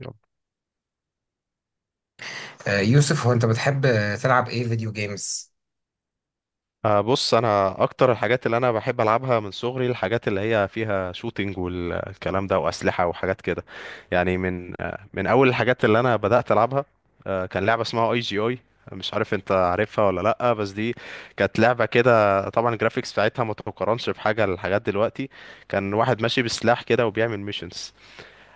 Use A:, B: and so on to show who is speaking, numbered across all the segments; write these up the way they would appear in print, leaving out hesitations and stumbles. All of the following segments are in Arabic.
A: يلا.
B: يوسف، هو انت بتحب تلعب ايه فيديو جيمز؟
A: بص انا اكتر الحاجات اللي انا بحب العبها من صغري، الحاجات اللي هي فيها شوتينج والكلام ده واسلحه وحاجات كده. يعني من من اول الحاجات اللي انا بدات العبها، كان لعبه اسمها اي جي اي. مش عارف انت عارفها ولا لا، بس دي كانت لعبه كده. طبعا الجرافيكس بتاعتها ما تقارنش بحاجه لحاجات دلوقتي. كان واحد ماشي بسلاح كده وبيعمل ميشنز.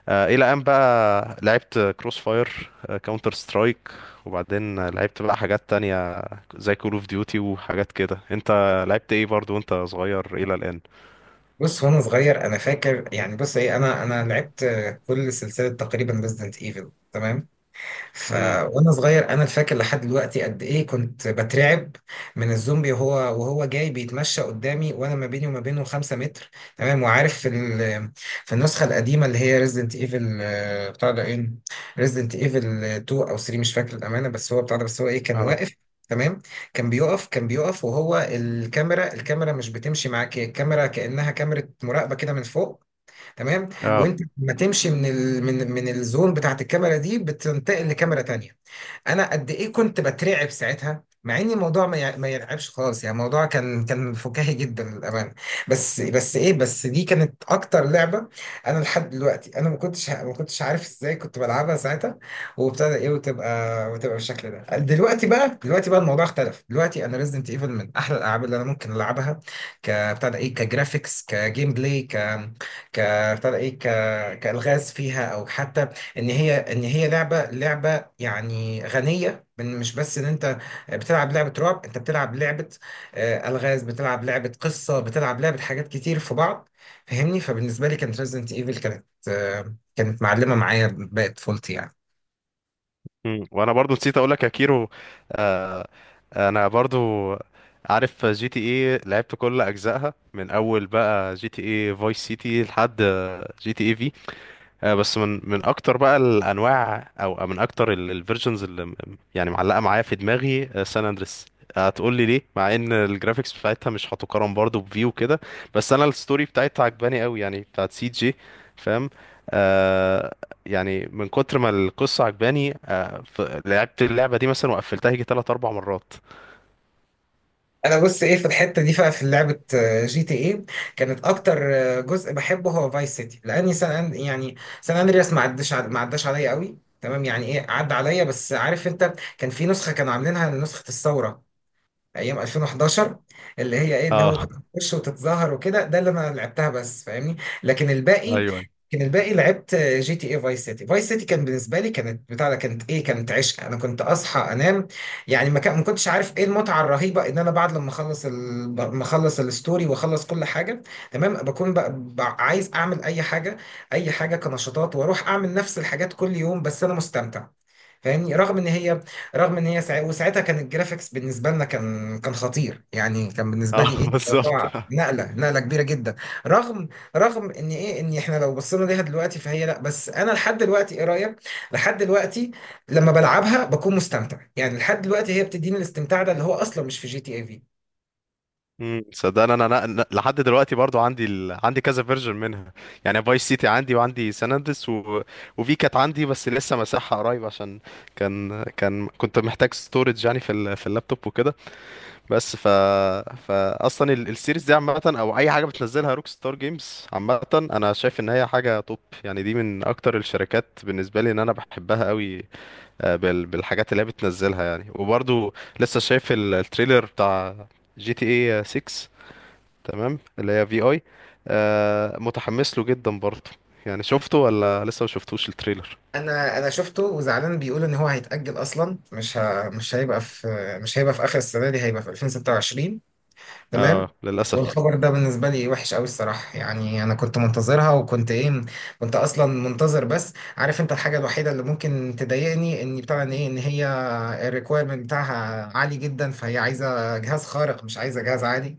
A: الى ان بقى لعبت كروس فاير، كاونتر سترايك. وبعدين لعبت بقى حاجات تانية زي كول اوف ديوتي وحاجات كده. انت لعبت ايه برضو وانت صغير الى الان؟
B: بص، وانا صغير انا فاكر، يعني بص ايه، انا لعبت كل سلسله تقريبا ريزدنت ايفل، تمام. ف
A: امم.
B: وانا صغير انا فاكر لحد دلوقتي قد ايه كنت بترعب من الزومبي وهو جاي بيتمشى قدامي، وانا ما بيني وما بينه 5 متر، تمام. وعارف في النسخه القديمه اللي هي ريزدنت ايفل، بتاع ده ايه ريزدنت ايفل 2 او 3، مش فاكر الامانه، بس هو بتاع ده بس هو ايه كان
A: اه.
B: واقف، تمام. كان بيقف وهو، الكاميرا مش بتمشي معاك، هي الكاميرا كأنها كاميرا مراقبة كده من فوق، تمام.
A: اه.
B: وانت لما تمشي من من الزون بتاعت الكاميرا دي، بتنتقل لكاميرا تانية. انا قد ايه كنت بترعب ساعتها، مع ان الموضوع ما يرعبش خالص، يعني الموضوع كان فكاهي جدا للامانه. بس دي كانت اكتر لعبه، انا لحد دلوقتي انا ما كنتش عارف ازاي كنت بلعبها ساعتها. وابتدى ايه وتبقى وتبقى بالشكل ده. دلوقتي بقى الموضوع اختلف، دلوقتي انا ريزدنت ايفل من احلى الالعاب اللي انا ممكن العبها، كبتاع ده ايه كجرافيكس، كجيم بلاي ك ك بتاع ده ايه ك كالغاز فيها، او حتى ان هي لعبه، يعني غنية، من مش بس ان انت بتلعب لعبة رعب، انت بتلعب لعبة الغاز، بتلعب لعبة قصة، بتلعب لعبة حاجات كتير في بعض، فاهمني؟ فبالنسبة لي كانت ريزدنت ايفل كانت معلمة معايا باقي طفولتي يعني.
A: امم. وانا برضو نسيت اقول لك يا كيرو. آه، انا برضو عارف جي تي ايه، لعبت كل اجزائها من اول بقى جي تي ايه فويس سيتي لحد جي تي ايه. بس من اكتر بقى الانواع، او من اكتر الفيرجنز يعني معلقه معايا في دماغي سان اندريس. هتقول لي ليه؟ مع ان الجرافيكس بتاعتها مش هتقارن برضو بفي وكده، بس انا الستوري بتاعتها عجباني قوي يعني، بتاعت سي جي. فاهم؟ آه يعني من كتر ما القصه عجباني، لعبت اللعبه دي مثلا وقفلتها يجي 3 4 مرات.
B: انا بص ايه، في الحتة دي بقى، في لعبة جي تي ايه كانت اكتر جزء بحبه هو فايس سيتي، لاني سان أن- يعني سان اندرياس ما عداش عليا قوي، تمام. يعني ايه، عدى عليا، بس عارف انت، كان في نسخة كانوا عاملينها لنسخة الثورة ايام 2011، اللي هي ايه، اللي هو اه، كنت
A: اه.
B: بتخش وتتظاهر وكده، ده اللي انا لعبتها بس، فاهمني. لكن الباقي
A: ايوه.
B: لكن الباقي لعبت جي تي اي فايس سيتي. فايس سيتي كان بالنسبه لي، كانت بتاع ده كانت ايه كانت عشق. انا كنت اصحى انام يعني، ما كنتش عارف ايه المتعه الرهيبه، ان انا بعد لما اخلص ما اخلص الستوري واخلص كل حاجه، تمام، بكون بقى عايز اعمل اي حاجه، اي حاجه كنشاطات، واروح اعمل نفس الحاجات كل يوم، بس انا مستمتع، فاهمني؟ رغم ان هي ساعة، وساعتها كان الجرافيكس بالنسبه لنا كان خطير، يعني كان بالنسبه لي
A: اه.
B: ايه،
A: بالظبط.
B: موضوع نقله كبيره جدا. رغم رغم ان احنا لو بصينا ليها دلوقتي فهي لا، بس انا لحد دلوقتي، ايه رايك، لحد دلوقتي لما بلعبها بكون مستمتع، يعني لحد دلوقتي هي بتديني الاستمتاع ده، اللي هو اصلا مش في جي تي اي في.
A: امم. صدقني أنا لحد دلوقتي برضو عندي، عندي كذا فيرجن منها. يعني فايس سيتي عندي، وعندي سان اندريس، وفي كانت عندي بس لسه مساحة قريب، عشان كان كنت محتاج ستورج يعني في، في اللابتوب وكده. بس فاصلا، السيريز دي عامة، او اي حاجة بتنزلها روك ستار جيمز عامة، انا شايف ان هي حاجة توب. يعني دي من اكتر الشركات بالنسبة لي ان انا بحبها قوي، آه، بالحاجات اللي هي بتنزلها يعني. وبرضو لسه شايف التريلر بتاع جي تي اي 6. تمام اللي هي في اي، آه، متحمس له جدا برضه. يعني شفته ولا لسه ما شفتوش التريلر؟
B: انا شفته، وزعلان بيقول ان هو هيتاجل، اصلا مش هيبقى في اخر السنه دي، هيبقى في 2026،
A: اه،
B: تمام.
A: للاسف.
B: والخبر ده بالنسبة لي وحش قوي الصراحة، يعني أنا كنت منتظرها، وكنت إيه كنت أصلا منتظر، بس عارف أنت الحاجة الوحيدة اللي ممكن تضايقني، إن هي الريكويرمنت بتاعها عالي جدا، فهي عايزة جهاز خارق، مش عايزة جهاز عادي،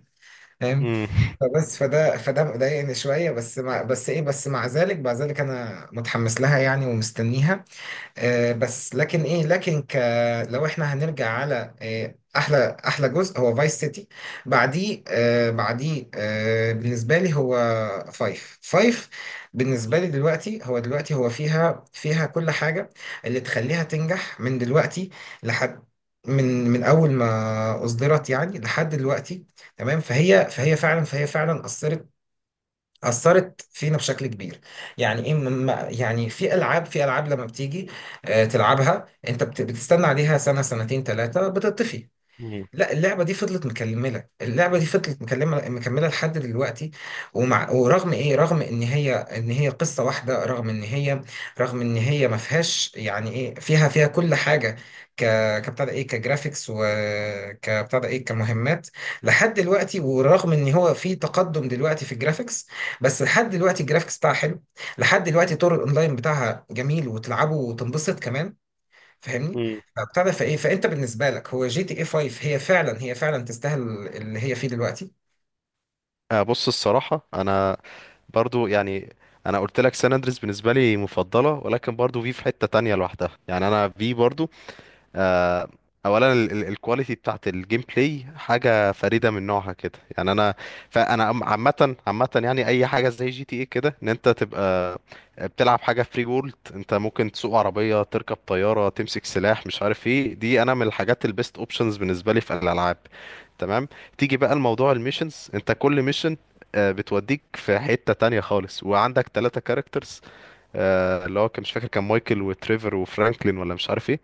B: فاهم.
A: امم.
B: فبس فده فده مضايقني شوية، بس مع ذلك أنا متحمس لها يعني، ومستنيها. آه، بس لكن ايه لكن ك لو احنا هنرجع على احلى جزء، هو فايس سيتي. بعديه آه، بعديه آه، بالنسبه لي هو فايف. بالنسبه لي دلوقتي، هو فيها كل حاجه اللي تخليها تنجح، من دلوقتي لحد، من اول ما اصدرت يعني لحد دلوقتي، تمام. فهي فعلا اثرت، أثرت فينا بشكل كبير، يعني إيه ما- يعني في ألعاب، في ألعاب لما بتيجي تلعبها، أنت بتستنى عليها سنة، 2، 3، بتطفي.
A: امم.
B: لا، اللعبة دي فضلت مكملة، اللعبة دي فضلت مكملة مكملة لحد دلوقتي، ورغم ايه، رغم ان هي قصة واحدة، رغم ان هي ما فيهاش يعني ايه، فيها كل حاجة، ك كبتاع ده ايه كجرافيكس، وكبتاع ده ايه كمهمات لحد دلوقتي. ورغم ان هو في تقدم دلوقتي في الجرافيكس، بس لحد دلوقتي الجرافيكس بتاعها حلو، لحد دلوقتي طور الاونلاين بتاعها جميل، وتلعبه وتنبسط كمان، فاهمني؟
A: امم.
B: فبتاع ده فايه فانت بالنسبه لك هو جي تي اي 5، هي فعلا تستاهل اللي هي فيه دلوقتي.
A: آه، بص الصراحه انا برضو يعني، انا قلت لك سان اندريس بالنسبه لي مفضله، ولكن برضو في في حته تانية لوحدها. يعني انا في برضو، آه، اولا الكواليتي بتاعت الجيم بلاي حاجه فريده من نوعها كده. يعني انا، فانا عامه عامه، يعني اي حاجه زي جي تي ايه كده، ان انت تبقى بتلعب حاجه فري وورلد. انت ممكن تسوق عربيه، تركب طياره، تمسك سلاح، مش عارف ايه. دي انا من الحاجات البيست اوبشنز بالنسبه لي في الالعاب. تمام. تيجي بقى الموضوع الميشنز، انت كل ميشن بتوديك في حتة تانية خالص. وعندك ثلاثة كاركترز، اللي هو كان مش فاكر، كان مايكل وتريفر وفرانكلين، ولا مش عارف ايه.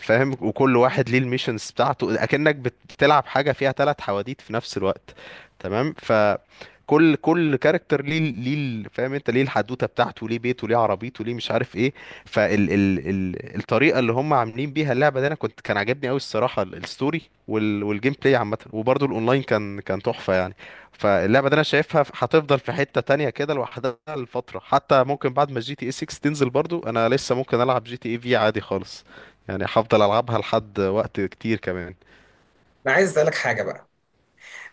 A: فاهم؟ وكل واحد ليه الميشنز بتاعته، اكنك بتلعب حاجه فيها ثلاث حواديت في نفس الوقت. تمام. فكل كاركتر ليه، فاهم انت، ليه الحدوته بتاعته، ليه بيته، ليه عربيته، ليه مش عارف ايه. فال ال ال الطريقه اللي هم عاملين بيها اللعبه دي، انا كان عاجبني قوي الصراحه، الستوري والجيم بلاي عامه، وبرده الاونلاين كان تحفه يعني. فاللعبه دي انا شايفها هتفضل في حته تانية كده لوحدها لفتره، حتى ممكن بعد ما جي تي اي 6 تنزل برضو انا لسه ممكن العب جي تي اي في عادي خالص. يعني هفضل العبها لحد وقت كتير كمان.
B: انا عايز اسالك حاجه بقى.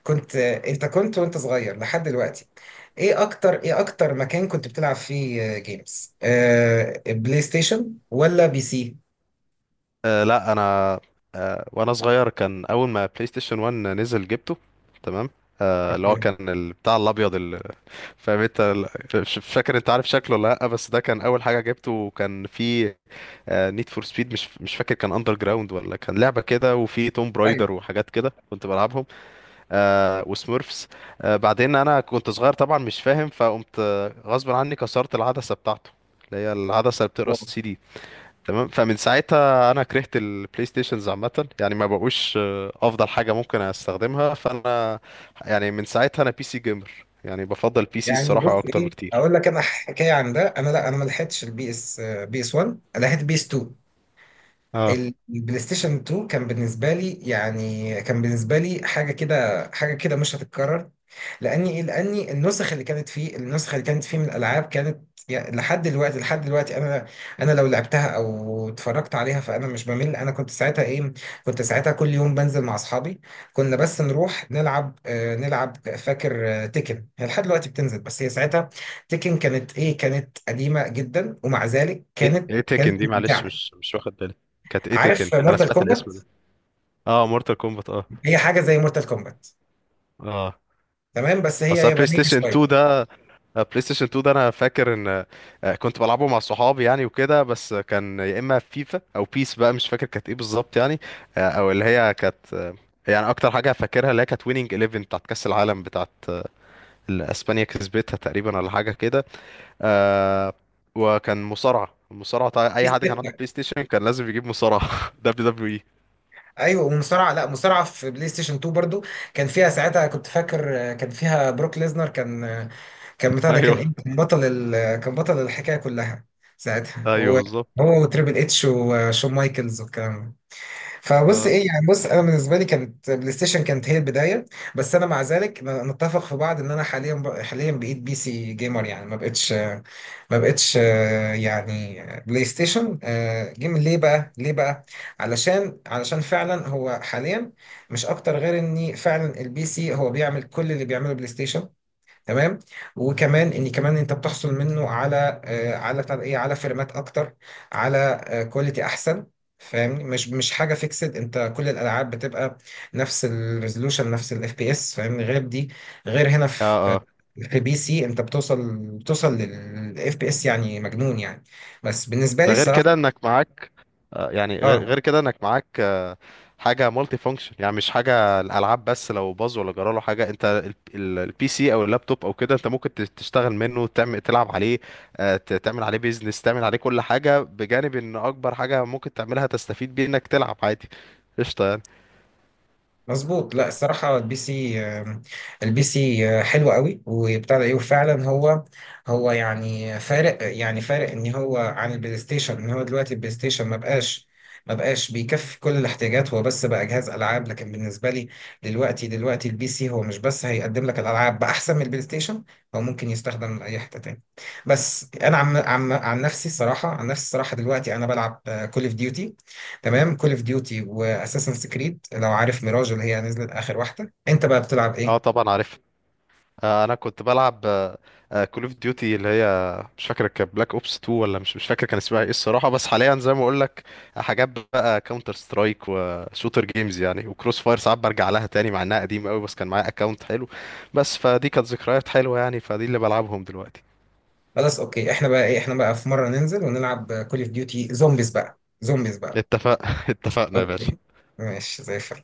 B: انت كنت وانت صغير لحد دلوقتي، ايه اكتر مكان كنت بتلعب فيه جيمز، بلاي ستيشن ولا بي سي؟
A: أه لا، انا، أه، وانا صغير كان اول ما بلاي ستيشن 1 نزل جبته. تمام. أه اللي هو
B: اوكي،
A: كان، بتاع الابيض، فاهم انت، مش فاكر انت عارف شكله ولا لا، بس ده كان اول حاجه جبته. وكان فيه نيد فور سبيد، مش فاكر كان اندر جراوند ولا كان لعبه كده، وفي توم
B: ايوه.
A: برايدر وحاجات كده كنت بلعبهم. أه، وسمورفس. أه بعدين انا كنت صغير طبعا مش فاهم، فقمت غصب عني كسرت العدسه بتاعته، اللي هي العدسه اللي بتقرا
B: هو.
A: السي دي. تمام. فمن ساعتها انا كرهت البلاي ستيشنز عامه، يعني ما بقوش افضل حاجه ممكن استخدمها. فانا يعني من ساعتها انا بي سي جيمر، يعني بفضل بي سي
B: يعني
A: الصراحه
B: بص
A: اكتر
B: ايه،
A: بكتير.
B: اقول لك انا حكايه عن ده. انا لا، انا ما لحقتش البي اس آه، بي اس 1، لحقت بي اس 2.
A: اه.
B: البلاي ستيشن 2 كان بالنسبه لي يعني، كان بالنسبه لي حاجه كده، حاجه كده مش هتتكرر. لاني إيه؟ لاني النسخ اللي كانت فيه، النسخ اللي كانت فيه من الالعاب كانت، يعني لحد دلوقتي، لحد دلوقتي انا، انا لو لعبتها او اتفرجت عليها فانا مش بمل. انا كنت ساعتها ايه، كنت ساعتها كل يوم بنزل مع اصحابي، كنا بس نروح نلعب نلعب، فاكر، تيكن، هي لحد دلوقتي بتنزل، بس هي ساعتها تيكن كانت قديمه جدا، ومع ذلك
A: ايه
B: كانت
A: ايه
B: كانت
A: تيكن دي؟ معلش
B: ممتعه.
A: مش واخد بالي. كانت ايه تيكن؟
B: عارف
A: انا
B: مورتال
A: سمعت الاسم
B: كومبات؟
A: ده. اه، مورتال كومبات. اه.
B: هي حاجه زي مورتال كومبات،
A: اه.
B: تمام، بس هي
A: اصل بلاي
B: يابانيه
A: ستيشن 2
B: شويه.
A: ده، بلاي ستيشن 2 ده انا فاكر ان، كنت بلعبه مع صحابي يعني وكده. بس كان يا اما فيفا او بيس بقى، مش فاكر كانت ايه بالظبط يعني. او اللي هي كانت، يعني اكتر حاجه فاكرها اللي هي كانت ويننج 11 بتاعت كاس العالم، بتاعت اللي اسبانيا كسبتها تقريبا ولا حاجه كده. آه، وكان مصارعه. المصارعه طبعا
B: في
A: اي حد كان عنده
B: ستة.
A: بلاي ستيشن كان لازم يجيب مصارعه دبليو دبليو اي.
B: ايوه، ومصارعه لا مصارعه في بلاي ستيشن 2 برضو، كان فيها ساعتها كنت فاكر، كان فيها بروك ليزنر، كان آه، كان بتاع ده كان
A: ايوه.
B: ايه كان بطل كان بطل الحكايه كلها ساعتها،
A: ايوه
B: هو،
A: بالظبط.
B: هو وتريبل اتش وشون مايكلز والكلام ده. فبص
A: اه.
B: ايه، يعني بص، انا بالنسبه لي كانت بلاي ستيشن كانت هي البدايه، بس انا مع ذلك نتفق في بعض، ان انا حاليا حاليا بقيت بي سي جيمر يعني، ما بقتش، بلاي ستيشن جيم، ليه بقى، علشان فعلا هو حاليا مش اكتر، غير ان فعلا البي سي هو بيعمل كل اللي بيعمله بلاي ستيشن، تمام، وكمان، كمان انت بتحصل منه على على بتاع ده ايه على فريمات اكتر، على كواليتي احسن، فاهمني؟ مش حاجه فيكسد، انت كل الالعاب بتبقى نفس الريزولوشن، نفس الاف بي اس، فاهمني؟ غير دي، غير هنا
A: اه.
B: في،
A: آه.
B: في بي سي انت بتوصل للاف بي اس يعني مجنون يعني، بس بالنسبه لي
A: ده غير
B: الصراحه،
A: كده انك معاك، يعني غير
B: اه.
A: غير كده انك معاك، حاجه مالتي فانكشن. يعني مش حاجه الالعاب بس، لو باظ ولا جرى له حاجه انت، البي سي او اللابتوب او كده، انت ممكن تشتغل منه، تعمل تلعب عليه، تعمل عليه بيزنس، تعمل عليه كل حاجه، بجانب ان اكبر حاجه ممكن تعملها تستفيد بيه انك تلعب عادي. قشطه يعني.
B: مظبوط، لا الصراحة البي سي حلو قوي، وبتاع ده ايه وفعلا هو، هو يعني فارق، يعني فارق ان هو عن البلاي ستيشن، ان هو دلوقتي البلاي ستيشن ما بقاش، ما بقاش بيكفي كل الاحتياجات، هو بس بقى جهاز العاب، لكن بالنسبة لي دلوقتي، دلوقتي البي سي هو مش بس هيقدم لك الالعاب باحسن من البلاي ستيشن، هو ممكن يستخدم من اي حتة تاني. بس انا عم عم عن نفسي الصراحة، عن نفسي الصراحة دلوقتي انا بلعب كول اوف ديوتي، تمام، كول اوف ديوتي واساسن كريد لو عارف، ميراج اللي هي نزلت اخر واحده، انت بقى بتلعب
A: اه
B: ايه؟
A: طبعا عارف. انا كنت بلعب كول اوف ديوتي اللي هي، مش فاكر كانت بلاك اوبس 2 ولا مش فاكر كان اسمها ايه الصراحه. بس حاليا زي ما اقول لك، حاجات بقى كاونتر سترايك وشوتر جيمز يعني، وكروس فاير ساعات برجع لها تاني مع انها قديمه قوي، بس كان معايا اكونت حلو. بس فدي كانت ذكريات حلوه، يعني فدي اللي بلعبهم دلوقتي.
B: خلاص، اوكي، احنا بقى ايه، احنا بقى في مره ننزل ونلعب كول اوف ديوتي زومبيز بقى، زومبيز بقى.
A: اتفق اتفقنا يا باشا.
B: اوكي، ماشي زي الفل.